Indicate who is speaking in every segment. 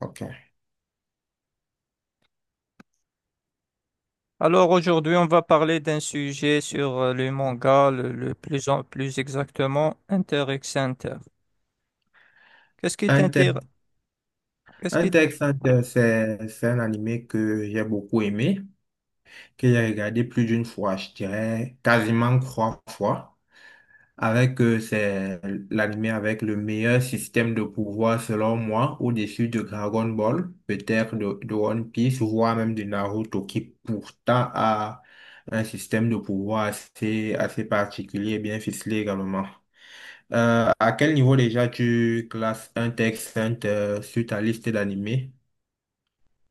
Speaker 1: Ok.
Speaker 2: Alors aujourd'hui, on va parler d'un sujet sur le manga, le plus plus exactement X Center. Qu'est-ce qui
Speaker 1: Hunter,
Speaker 2: t'inter, qu'est-ce qui
Speaker 1: Hunter x Hunter, c'est un animé que j'ai beaucoup aimé, que j'ai regardé plus d'une fois, je dirais quasiment trois fois, avec c'est l'animé avec le meilleur système de pouvoir selon moi, au-dessus de Dragon Ball, peut-être de One Piece, voire même de Naruto, qui pourtant a un système de pouvoir assez, assez particulier et bien ficelé également. À quel niveau déjà tu classes un texte sur ta liste d'animés,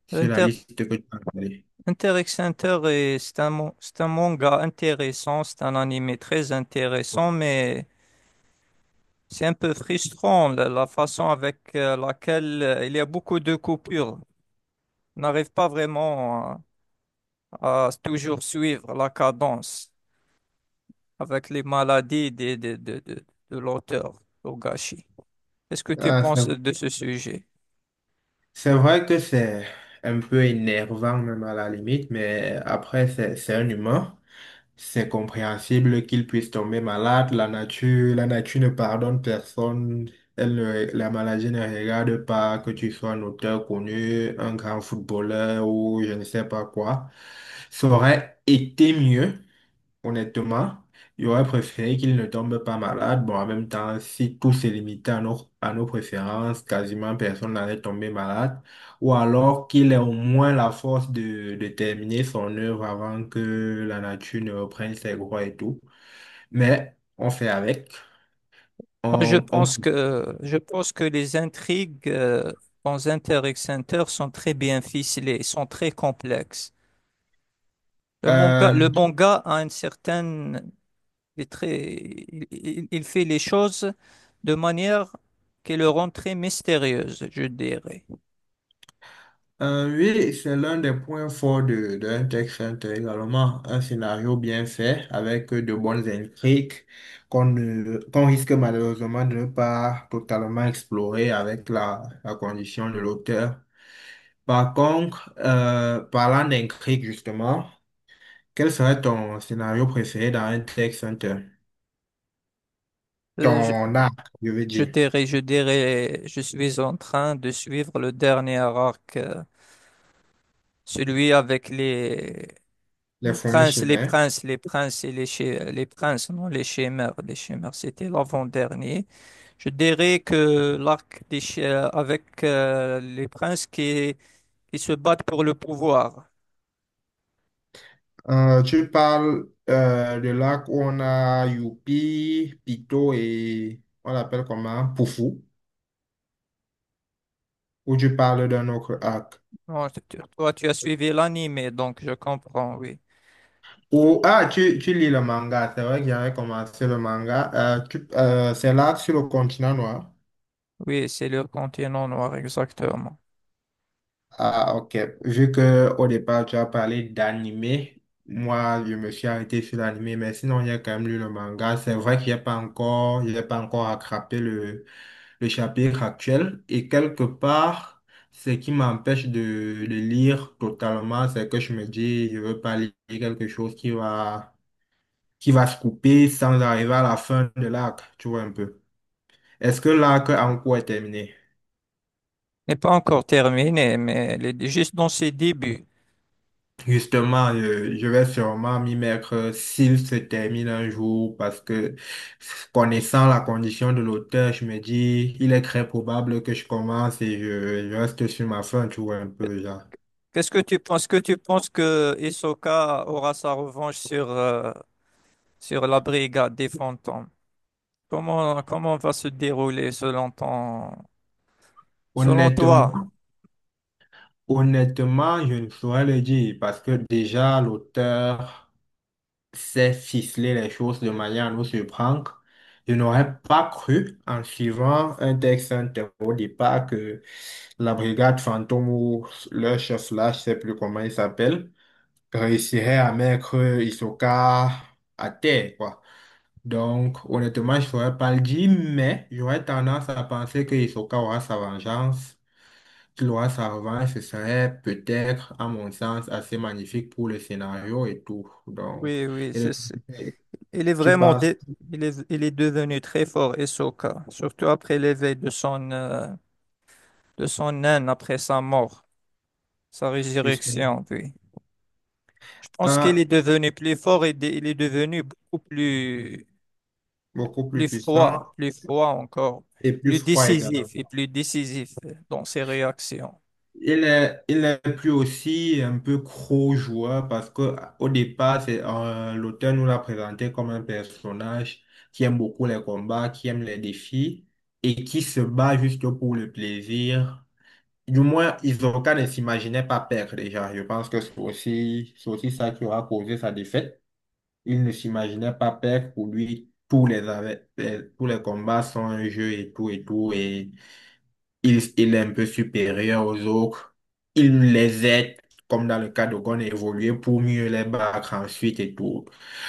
Speaker 1: sur la
Speaker 2: inter,
Speaker 1: liste que tu as installée?
Speaker 2: X Center est, c'est un, c'est un manga intéressant, c'est un anime très intéressant, mais c'est un peu frustrant la façon avec laquelle il y a beaucoup de coupures. On n'arrive pas vraiment à toujours suivre la cadence avec les maladies de l'auteur, Togashi. Qu'est-ce que tu
Speaker 1: Ah, c'est
Speaker 2: penses de ce sujet?
Speaker 1: c'est vrai que c'est un peu énervant même à la limite, mais après c'est un humain. C'est compréhensible qu'il puisse tomber malade. La nature ne pardonne personne. Elle ne- La maladie ne regarde pas que tu sois un auteur connu, un grand footballeur ou je ne sais pas quoi. Ça aurait été mieux. Honnêtement, j'aurais préféré qu'il ne tombe pas malade. Bon, en même temps, si tout se limitait à nos préférences, quasiment personne n'allait tomber malade. Ou alors qu'il ait au moins la force de terminer son œuvre avant que la nature ne reprenne ses droits et tout. Mais on fait avec.
Speaker 2: Moi,
Speaker 1: On...
Speaker 2: je pense que les intrigues dans Inter X Inter sont très bien ficelées, sont très complexes.
Speaker 1: Euh,
Speaker 2: Le manga a une certaine, il est très, il fait les choses de manière qui le rend très mystérieuse, je dirais.
Speaker 1: Oui, c'est l'un des points forts d'un texte intérêt également. Un scénario bien fait avec de bonnes intrigues qu'on risque malheureusement de ne pas totalement explorer avec la condition de l'auteur. Par contre, parlant d'intrigues justement, quel serait ton scénario préféré dans un texte intérêt?
Speaker 2: Euh, je,
Speaker 1: Ton arc, je veux
Speaker 2: je
Speaker 1: dire,
Speaker 2: dirais, je dirais, je suis en train de suivre le dernier arc, celui avec les,
Speaker 1: les fourmis chimères.
Speaker 2: les princes et les, chi- les princes, non, les chimères, c'était l'avant-dernier. Je dirais que l'arc des avec les princes qui se battent pour le pouvoir.
Speaker 1: Tu parles de lac où on a Youpi, Pito et on l'appelle comment? Poufou. Ou tu parles d'un autre lac?
Speaker 2: Bon, toi, tu as suivi l'anime, donc je comprends, oui.
Speaker 1: Ou, ah, tu lis le manga. C'est vrai que j'avais commencé le manga. C'est l'arc sur le continent noir.
Speaker 2: Oui, c'est le continent noir, exactement.
Speaker 1: Ah, ok. Vu que au départ, tu as parlé d'animé, moi, je me suis arrêté sur l'animé, mais sinon, il y a quand même lu le manga. C'est vrai qu'il n'y a pas encore, il a pas encore attrapé le chapitre actuel. Et quelque part, ce qui m'empêche de le lire totalement, c'est que je me dis, je veux pas lire quelque chose qui va se couper sans arriver à la fin de l'arc. Tu vois un peu. Est-ce que l'arc en cours est terminé?
Speaker 2: N'est pas encore terminé, mais elle est juste dans ses débuts.
Speaker 1: Justement, je vais sûrement m'y mettre s'il se termine un jour parce que connaissant la condition de l'auteur, je me dis, il est très probable que je commence et je reste sur ma fin, tu vois, un peu, genre.
Speaker 2: Qu'est-ce que tu penses? Que tu penses que Hisoka aura sa revanche sur, sur la brigade des fantômes? Comment, comment va se dérouler selon ton, selon
Speaker 1: Honnêtement,
Speaker 2: toi?
Speaker 1: honnêtement, je ne saurais le dire parce que déjà, l'auteur sait ficeler les choses de manière à nous surprendre. Je n'aurais pas cru, en suivant un texte inter au départ, que la brigade fantôme ou leur chef là, je sais plus comment il s'appelle, réussirait à mettre Hisoka à terre, quoi. Donc, honnêtement, je ne saurais pas le dire, mais j'aurais tendance à penser que Hisoka aura sa vengeance, qu'il aura sa revanche, ce serait peut-être, à mon sens, assez magnifique pour le scénario et tout. Donc,
Speaker 2: Oui, oui,
Speaker 1: et
Speaker 2: c'est
Speaker 1: le-
Speaker 2: ça. Il est
Speaker 1: tu
Speaker 2: vraiment
Speaker 1: passes
Speaker 2: dé- il est devenu très fort, Hisoka, surtout après l'éveil de son naine après sa mort, sa
Speaker 1: justement
Speaker 2: résurrection, puis. Je pense qu'il
Speaker 1: un
Speaker 2: est devenu plus fort il est devenu beaucoup plus
Speaker 1: beaucoup plus puissant
Speaker 2: plus froid encore,
Speaker 1: et plus
Speaker 2: plus
Speaker 1: froid
Speaker 2: décisif
Speaker 1: également.
Speaker 2: et plus décisif dans ses réactions.
Speaker 1: Il est plus aussi un peu gros joueur parce que au départ, c'est, l'auteur nous l'a présenté comme un personnage qui aime beaucoup les combats, qui aime les défis et qui se bat juste pour le plaisir. Du moins, Hisoka ne s'imaginait pas perdre déjà. Je pense que c'est aussi ça qui aura causé sa défaite. Il ne s'imaginait pas perdre. Pour lui, tous les combats sont un jeu et tout et tout. Et il est un peu supérieur aux autres. Il les aide, comme dans le cas de Gon, à évoluer pour mieux les battre ensuite et tout.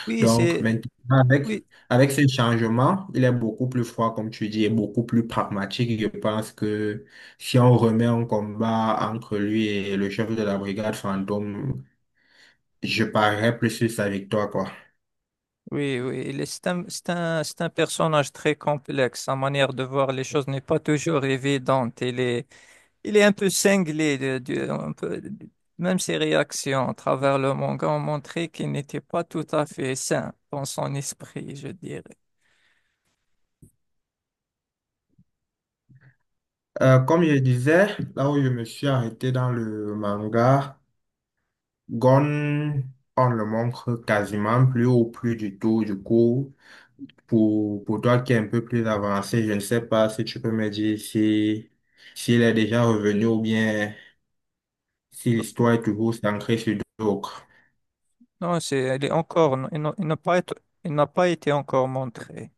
Speaker 2: Oui,
Speaker 1: Donc
Speaker 2: c'est
Speaker 1: maintenant, avec,
Speaker 2: oui,
Speaker 1: avec ce changement, il est beaucoup plus froid, comme tu dis, et beaucoup plus pragmatique. Je pense que si on remet un combat entre lui et le chef de la brigade fantôme, je parierais plus sur sa victoire, quoi.
Speaker 2: Oui, oui, c'est un, c'est un personnage très complexe. Sa manière de voir les choses n'est pas toujours évidente. Il est un peu cinglé. Même ses réactions à travers le manga ont montré qu'il n'était pas tout à fait sain dans son esprit, je dirais.
Speaker 1: Comme je disais, là où je me suis arrêté dans le manga, Gon, on le montre quasiment plus ou plus du tout. Du coup, pour toi qui est un peu plus avancé, je ne sais pas si tu peux me dire si, s'il est déjà revenu ou bien si l'histoire est toujours centrée sur d'autres.
Speaker 2: Non, c'est, elle est encore, il n'a pas été, il n'a pas été encore montré.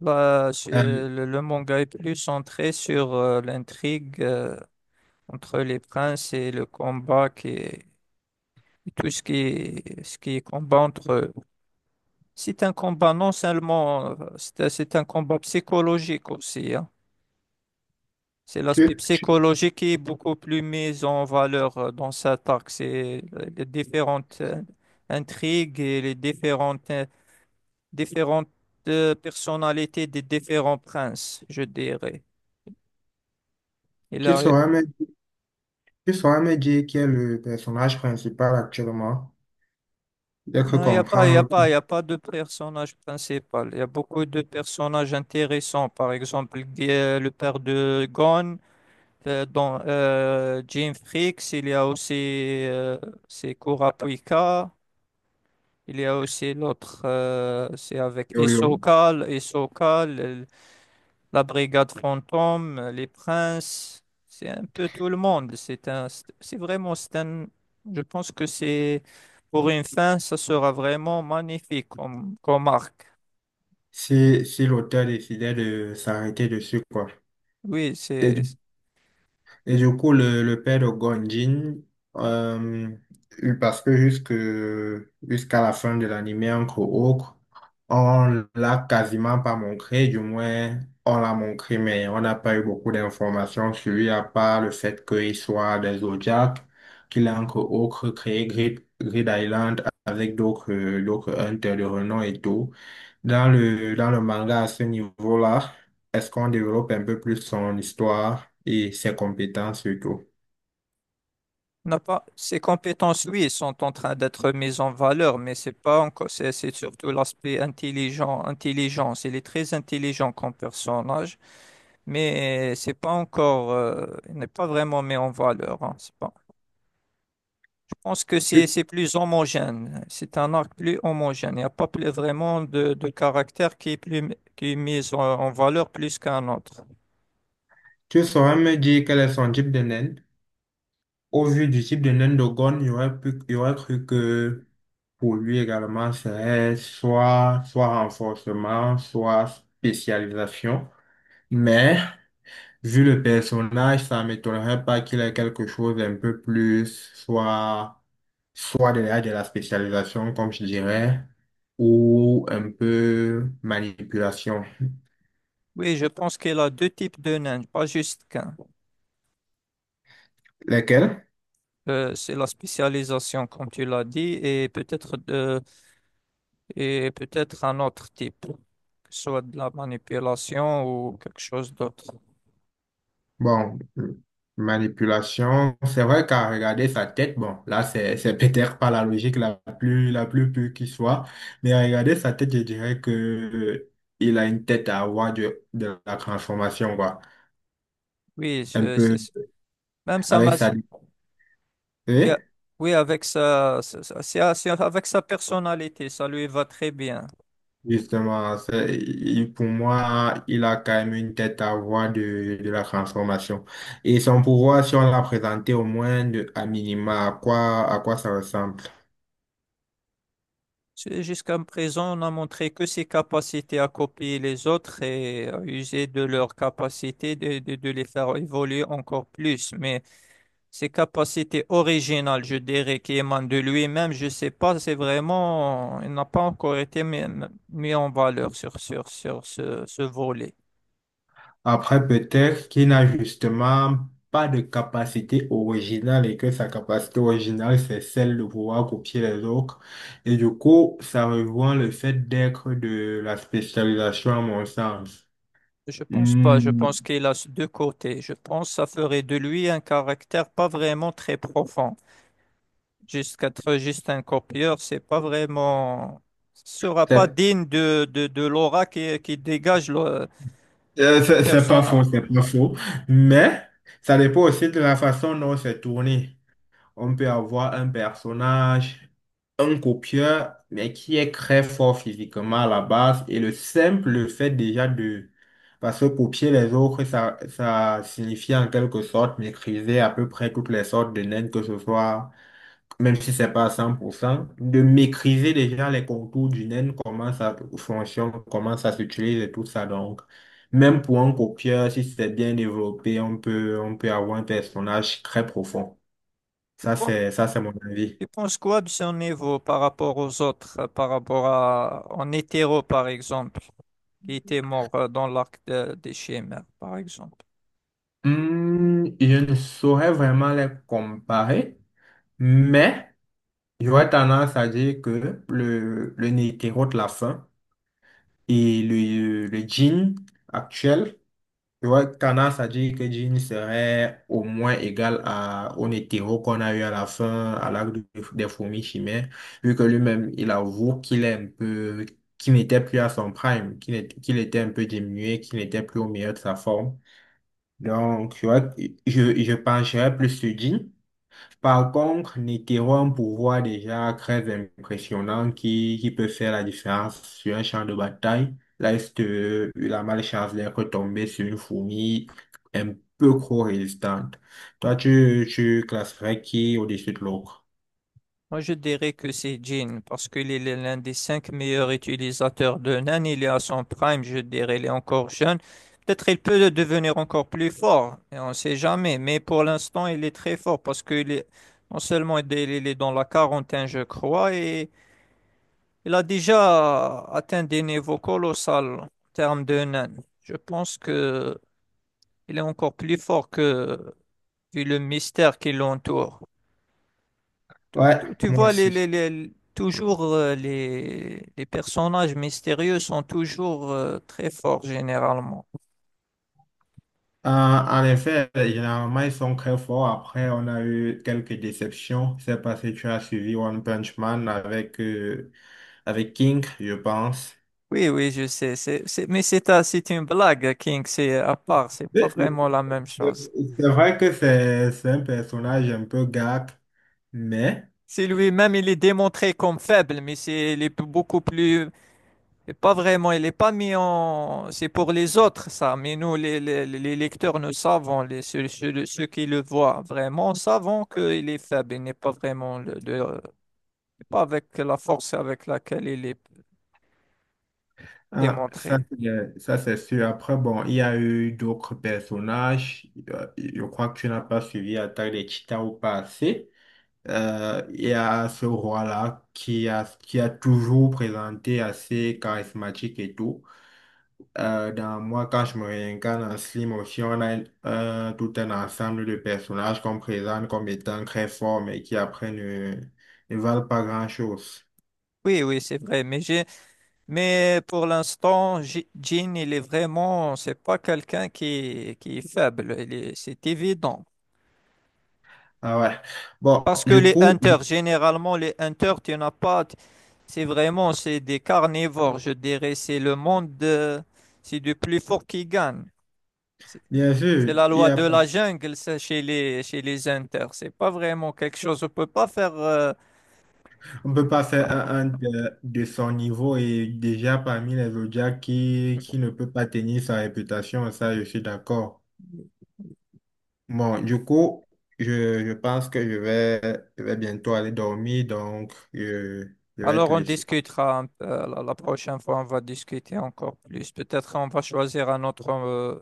Speaker 1: Euh,
Speaker 2: Le manga est plus centré sur l'intrigue entre les princes et le combat qui est, et tout ce qui est combat entre eux. C'est un combat non seulement, c'est un combat psychologique aussi, hein. C'est l'aspect
Speaker 1: tu, tu,
Speaker 2: psychologique qui est beaucoup plus mis en valeur dans cet arc. C'est les différentes intrigues et les différentes, différentes personnalités des différents princes, je dirais.
Speaker 1: tu saurais me Tu saurais me dire qui est le personnage principal actuellement? J'ai cru
Speaker 2: Non, il n'y a pas,
Speaker 1: comprendre
Speaker 2: y a pas de personnage principal. Il y a beaucoup de personnages intéressants. Par exemple, le père de Gon, dans Jim Freaks, il y a aussi c'est Kurapika. Il y a aussi l'autre, c'est avec
Speaker 1: Yolio
Speaker 2: Hisoka, la brigade fantôme, les princes, c'est un peu tout le monde. C'est un, c'est vraiment, c'est un, je pense que c'est pour une fin, ça sera vraiment magnifique comme arc.
Speaker 1: si l'auteur décidait de s'arrêter dessus, quoi.
Speaker 2: Oui,
Speaker 1: Et
Speaker 2: c'est,
Speaker 1: Et du coup, le père de Gonjin, euh, parce que jusqu'à la fin de l'anime, entre autres, on l'a quasiment pas montré, du moins, on l'a montré, mais on n'a pas eu beaucoup d'informations sur lui, à part le fait qu'il soit des Zodiacs, qu'il a entre autres créé Grid Island avec d'autres, hunters de renom et tout. Dans le manga, à ce niveau-là, est-ce qu'on développe un peu plus son histoire et ses compétences surtout?
Speaker 2: on n'a pas, ces compétences, oui, sont en train d'être mises en valeur, mais c'est pas encore, c'est surtout l'aspect intelligent, intelligence. Il est très intelligent comme personnage, mais c'est pas encore, il n'est pas vraiment mis en valeur, hein. C'est pas Pense que
Speaker 1: Tu,
Speaker 2: c'est plus homogène. C'est un arc plus homogène. Il n'y a pas plus vraiment de caractère qui est plus qui est mis en, en valeur plus qu'un autre.
Speaker 1: tu saurais me dire quel est son type de naine? Au vu du type de naine de Gon, j'aurais cru que pour lui également, c'est soit, soit renforcement, soit spécialisation. Mais vu le personnage, ça ne m'étonnerait pas qu'il ait quelque chose un peu plus, soit de la spécialisation, comme je dirais, ou un peu manipulation.
Speaker 2: Oui, je pense qu'il a deux types de nains, pas juste qu'un.
Speaker 1: Lesquels?
Speaker 2: C'est la spécialisation, comme tu l'as dit, et peut-être un autre type, que ce soit de la manipulation ou quelque chose d'autre.
Speaker 1: Bon, manipulation, c'est vrai qu'à regarder sa tête, bon, là, c'est peut-être pas la logique la plus pure qui soit, mais à regarder sa tête, je dirais que il a une tête à avoir de la transformation, quoi.
Speaker 2: Oui,
Speaker 1: Un
Speaker 2: je,
Speaker 1: peu
Speaker 2: c'est- même ça
Speaker 1: avec
Speaker 2: m'a
Speaker 1: sa...
Speaker 2: Oui,
Speaker 1: Oui.
Speaker 2: a- Oui, avec sa, c'est avec sa personnalité, ça lui va très bien.
Speaker 1: Justement, pour moi, il a quand même une tête à voir de la transformation. Et son pouvoir, si on l'a présenté au moins à minima, à quoi ça ressemble?
Speaker 2: Jusqu'à présent, on a montré que ses capacités à copier les autres et à user de leurs capacités de les faire évoluer encore plus. Mais ses capacités originales, je dirais, qui émanent de lui-même, je sais pas, c'est vraiment, il n'a pas encore été mis, mis en valeur sur ce, ce volet.
Speaker 1: Après, peut-être qu'il n'a justement pas de capacité originale et que sa capacité originale, c'est celle de pouvoir copier les autres. Et du coup, ça rejoint le fait d'être de la spécialisation à mon sens.
Speaker 2: Je pense pas, je
Speaker 1: Hmm,
Speaker 2: pense qu'il a deux côtés. Je pense que ça ferait de lui un caractère pas vraiment très profond. Jusqu'à être juste un copieur, c'est pas vraiment, sera pas digne de l'aura qui dégage le
Speaker 1: C'est pas faux,
Speaker 2: personnage.
Speaker 1: c'est pas faux. Mais ça dépend aussi de la façon dont c'est tourné. On peut avoir un personnage, un copieur, mais qui est très fort physiquement à la base. Et le simple fait déjà de... Parce que copier les autres, ça signifie en quelque sorte maîtriser à peu près toutes les sortes de naines, que ce soit même si c'est pas à 100%, de maîtriser déjà les contours du naine, comment ça fonctionne, comment ça s'utilise et tout ça. Donc, même pour un copieur, si c'est bien développé, on peut avoir un personnage très profond.
Speaker 2: Bon,
Speaker 1: Ça, c'est mon avis.
Speaker 2: tu penses quoi de son niveau par rapport aux autres, par rapport à en hétéro, par exemple, qui était mort dans l'arc des Chimères, par exemple?
Speaker 1: Je ne saurais vraiment les comparer, mais j'aurais tendance à dire que le Netero de la fin et le jean actuel. Tu vois, Kana, ça dit que Jean serait au moins égal au hétéro qu'on a eu à la fin, à des fourmis chimères, vu que lui-même, il avoue qu'il est un peu, qu'il n'était plus à son prime, qu'il était un peu diminué, qu'il n'était plus au meilleur de sa forme. Donc, tu vois, je pencherais plus sur Jean. Par contre, Netero a un pouvoir déjà très impressionnant qui peut faire la différence sur un champ de bataille. Là, il a malchance d'être tombé sur une fourmi un peu trop résistante. Toi, tu classerais qui au-dessus de l'autre?
Speaker 2: Moi, je dirais que c'est Jin, parce qu'il est l'un des cinq meilleurs utilisateurs de Nan. Il est à son prime, je dirais, il est encore jeune. Peut-être il peut devenir encore plus fort, et on ne sait jamais. Mais pour l'instant, il est très fort, parce qu'il est non seulement il est dans la quarantaine, je crois, et il a déjà atteint des niveaux colossaux en termes de nains. Je pense que il est encore plus fort que vu le mystère qui l'entoure. Tu,
Speaker 1: Ouais,
Speaker 2: tu- tu
Speaker 1: moi
Speaker 2: vois,
Speaker 1: aussi.
Speaker 2: toujours les personnages mystérieux sont toujours très forts généralement.
Speaker 1: En effet, généralement, ils sont très forts. Après, on a eu quelques déceptions. C'est parce que tu as suivi One Punch Man avec King, je pense.
Speaker 2: Oui, oui, je sais. Mais c'est une blague, King. C'est à part. C'est pas vraiment la même
Speaker 1: C'est
Speaker 2: chose.
Speaker 1: c'est vrai que c'est un personnage un peu gag, mais
Speaker 2: C'est lui-même, il est démontré comme faible, mais c'est, il est beaucoup plus et pas vraiment, il n'est pas mis en... C'est pour les autres, ça, mais nous, les lecteurs, nous savons, ceux qui le voient vraiment, savons qu'il est faible, il n'est pas vraiment, pas avec la force avec laquelle il est
Speaker 1: ah,
Speaker 2: démontré.
Speaker 1: ça, c'est sûr. Après, bon, il y a eu d'autres personnages. Je crois que tu n'as pas suivi Attaque des Titans au passé. Il y a ce roi-là qui a toujours présenté assez charismatique et tout. Dans moi, quand je me réincarne en Slim aussi, on a tout un ensemble de personnages qu'on présente comme étant très forts, mais qui après ne valent pas grand-chose.
Speaker 2: Oui, oui, c'est vrai, mais pour l'instant, Jean, il est vraiment, c'est pas quelqu'un qui est faible, c'est évident.
Speaker 1: Ah ouais. Bon,
Speaker 2: Parce que
Speaker 1: du
Speaker 2: les
Speaker 1: coup,
Speaker 2: hunters, généralement, les hunters, tu n'as pas. C'est vraiment, c'est des carnivores, je dirais. C'est le monde, c'est du plus fort qui gagne. C'est
Speaker 1: bien sûr,
Speaker 2: c'est la loi de la jungle, ça, chez les hunters. C'est pas vraiment quelque chose, on peut pas faire.
Speaker 1: on ne peut pas faire un de son niveau et déjà parmi les Zodiacs qui ne peut pas tenir sa réputation, ça, je suis d'accord. Bon, du coup, je pense que je vais bientôt aller dormir, donc je vais
Speaker 2: Alors,
Speaker 1: te
Speaker 2: on
Speaker 1: laisser.
Speaker 2: discutera un peu, la prochaine fois, on va discuter encore plus. Peut-être on va choisir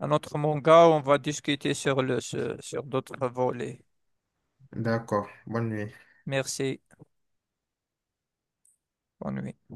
Speaker 2: un autre manga, on va discuter sur sur d'autres volets.
Speaker 1: D'accord. Bonne nuit.
Speaker 2: Merci, bonne nuit.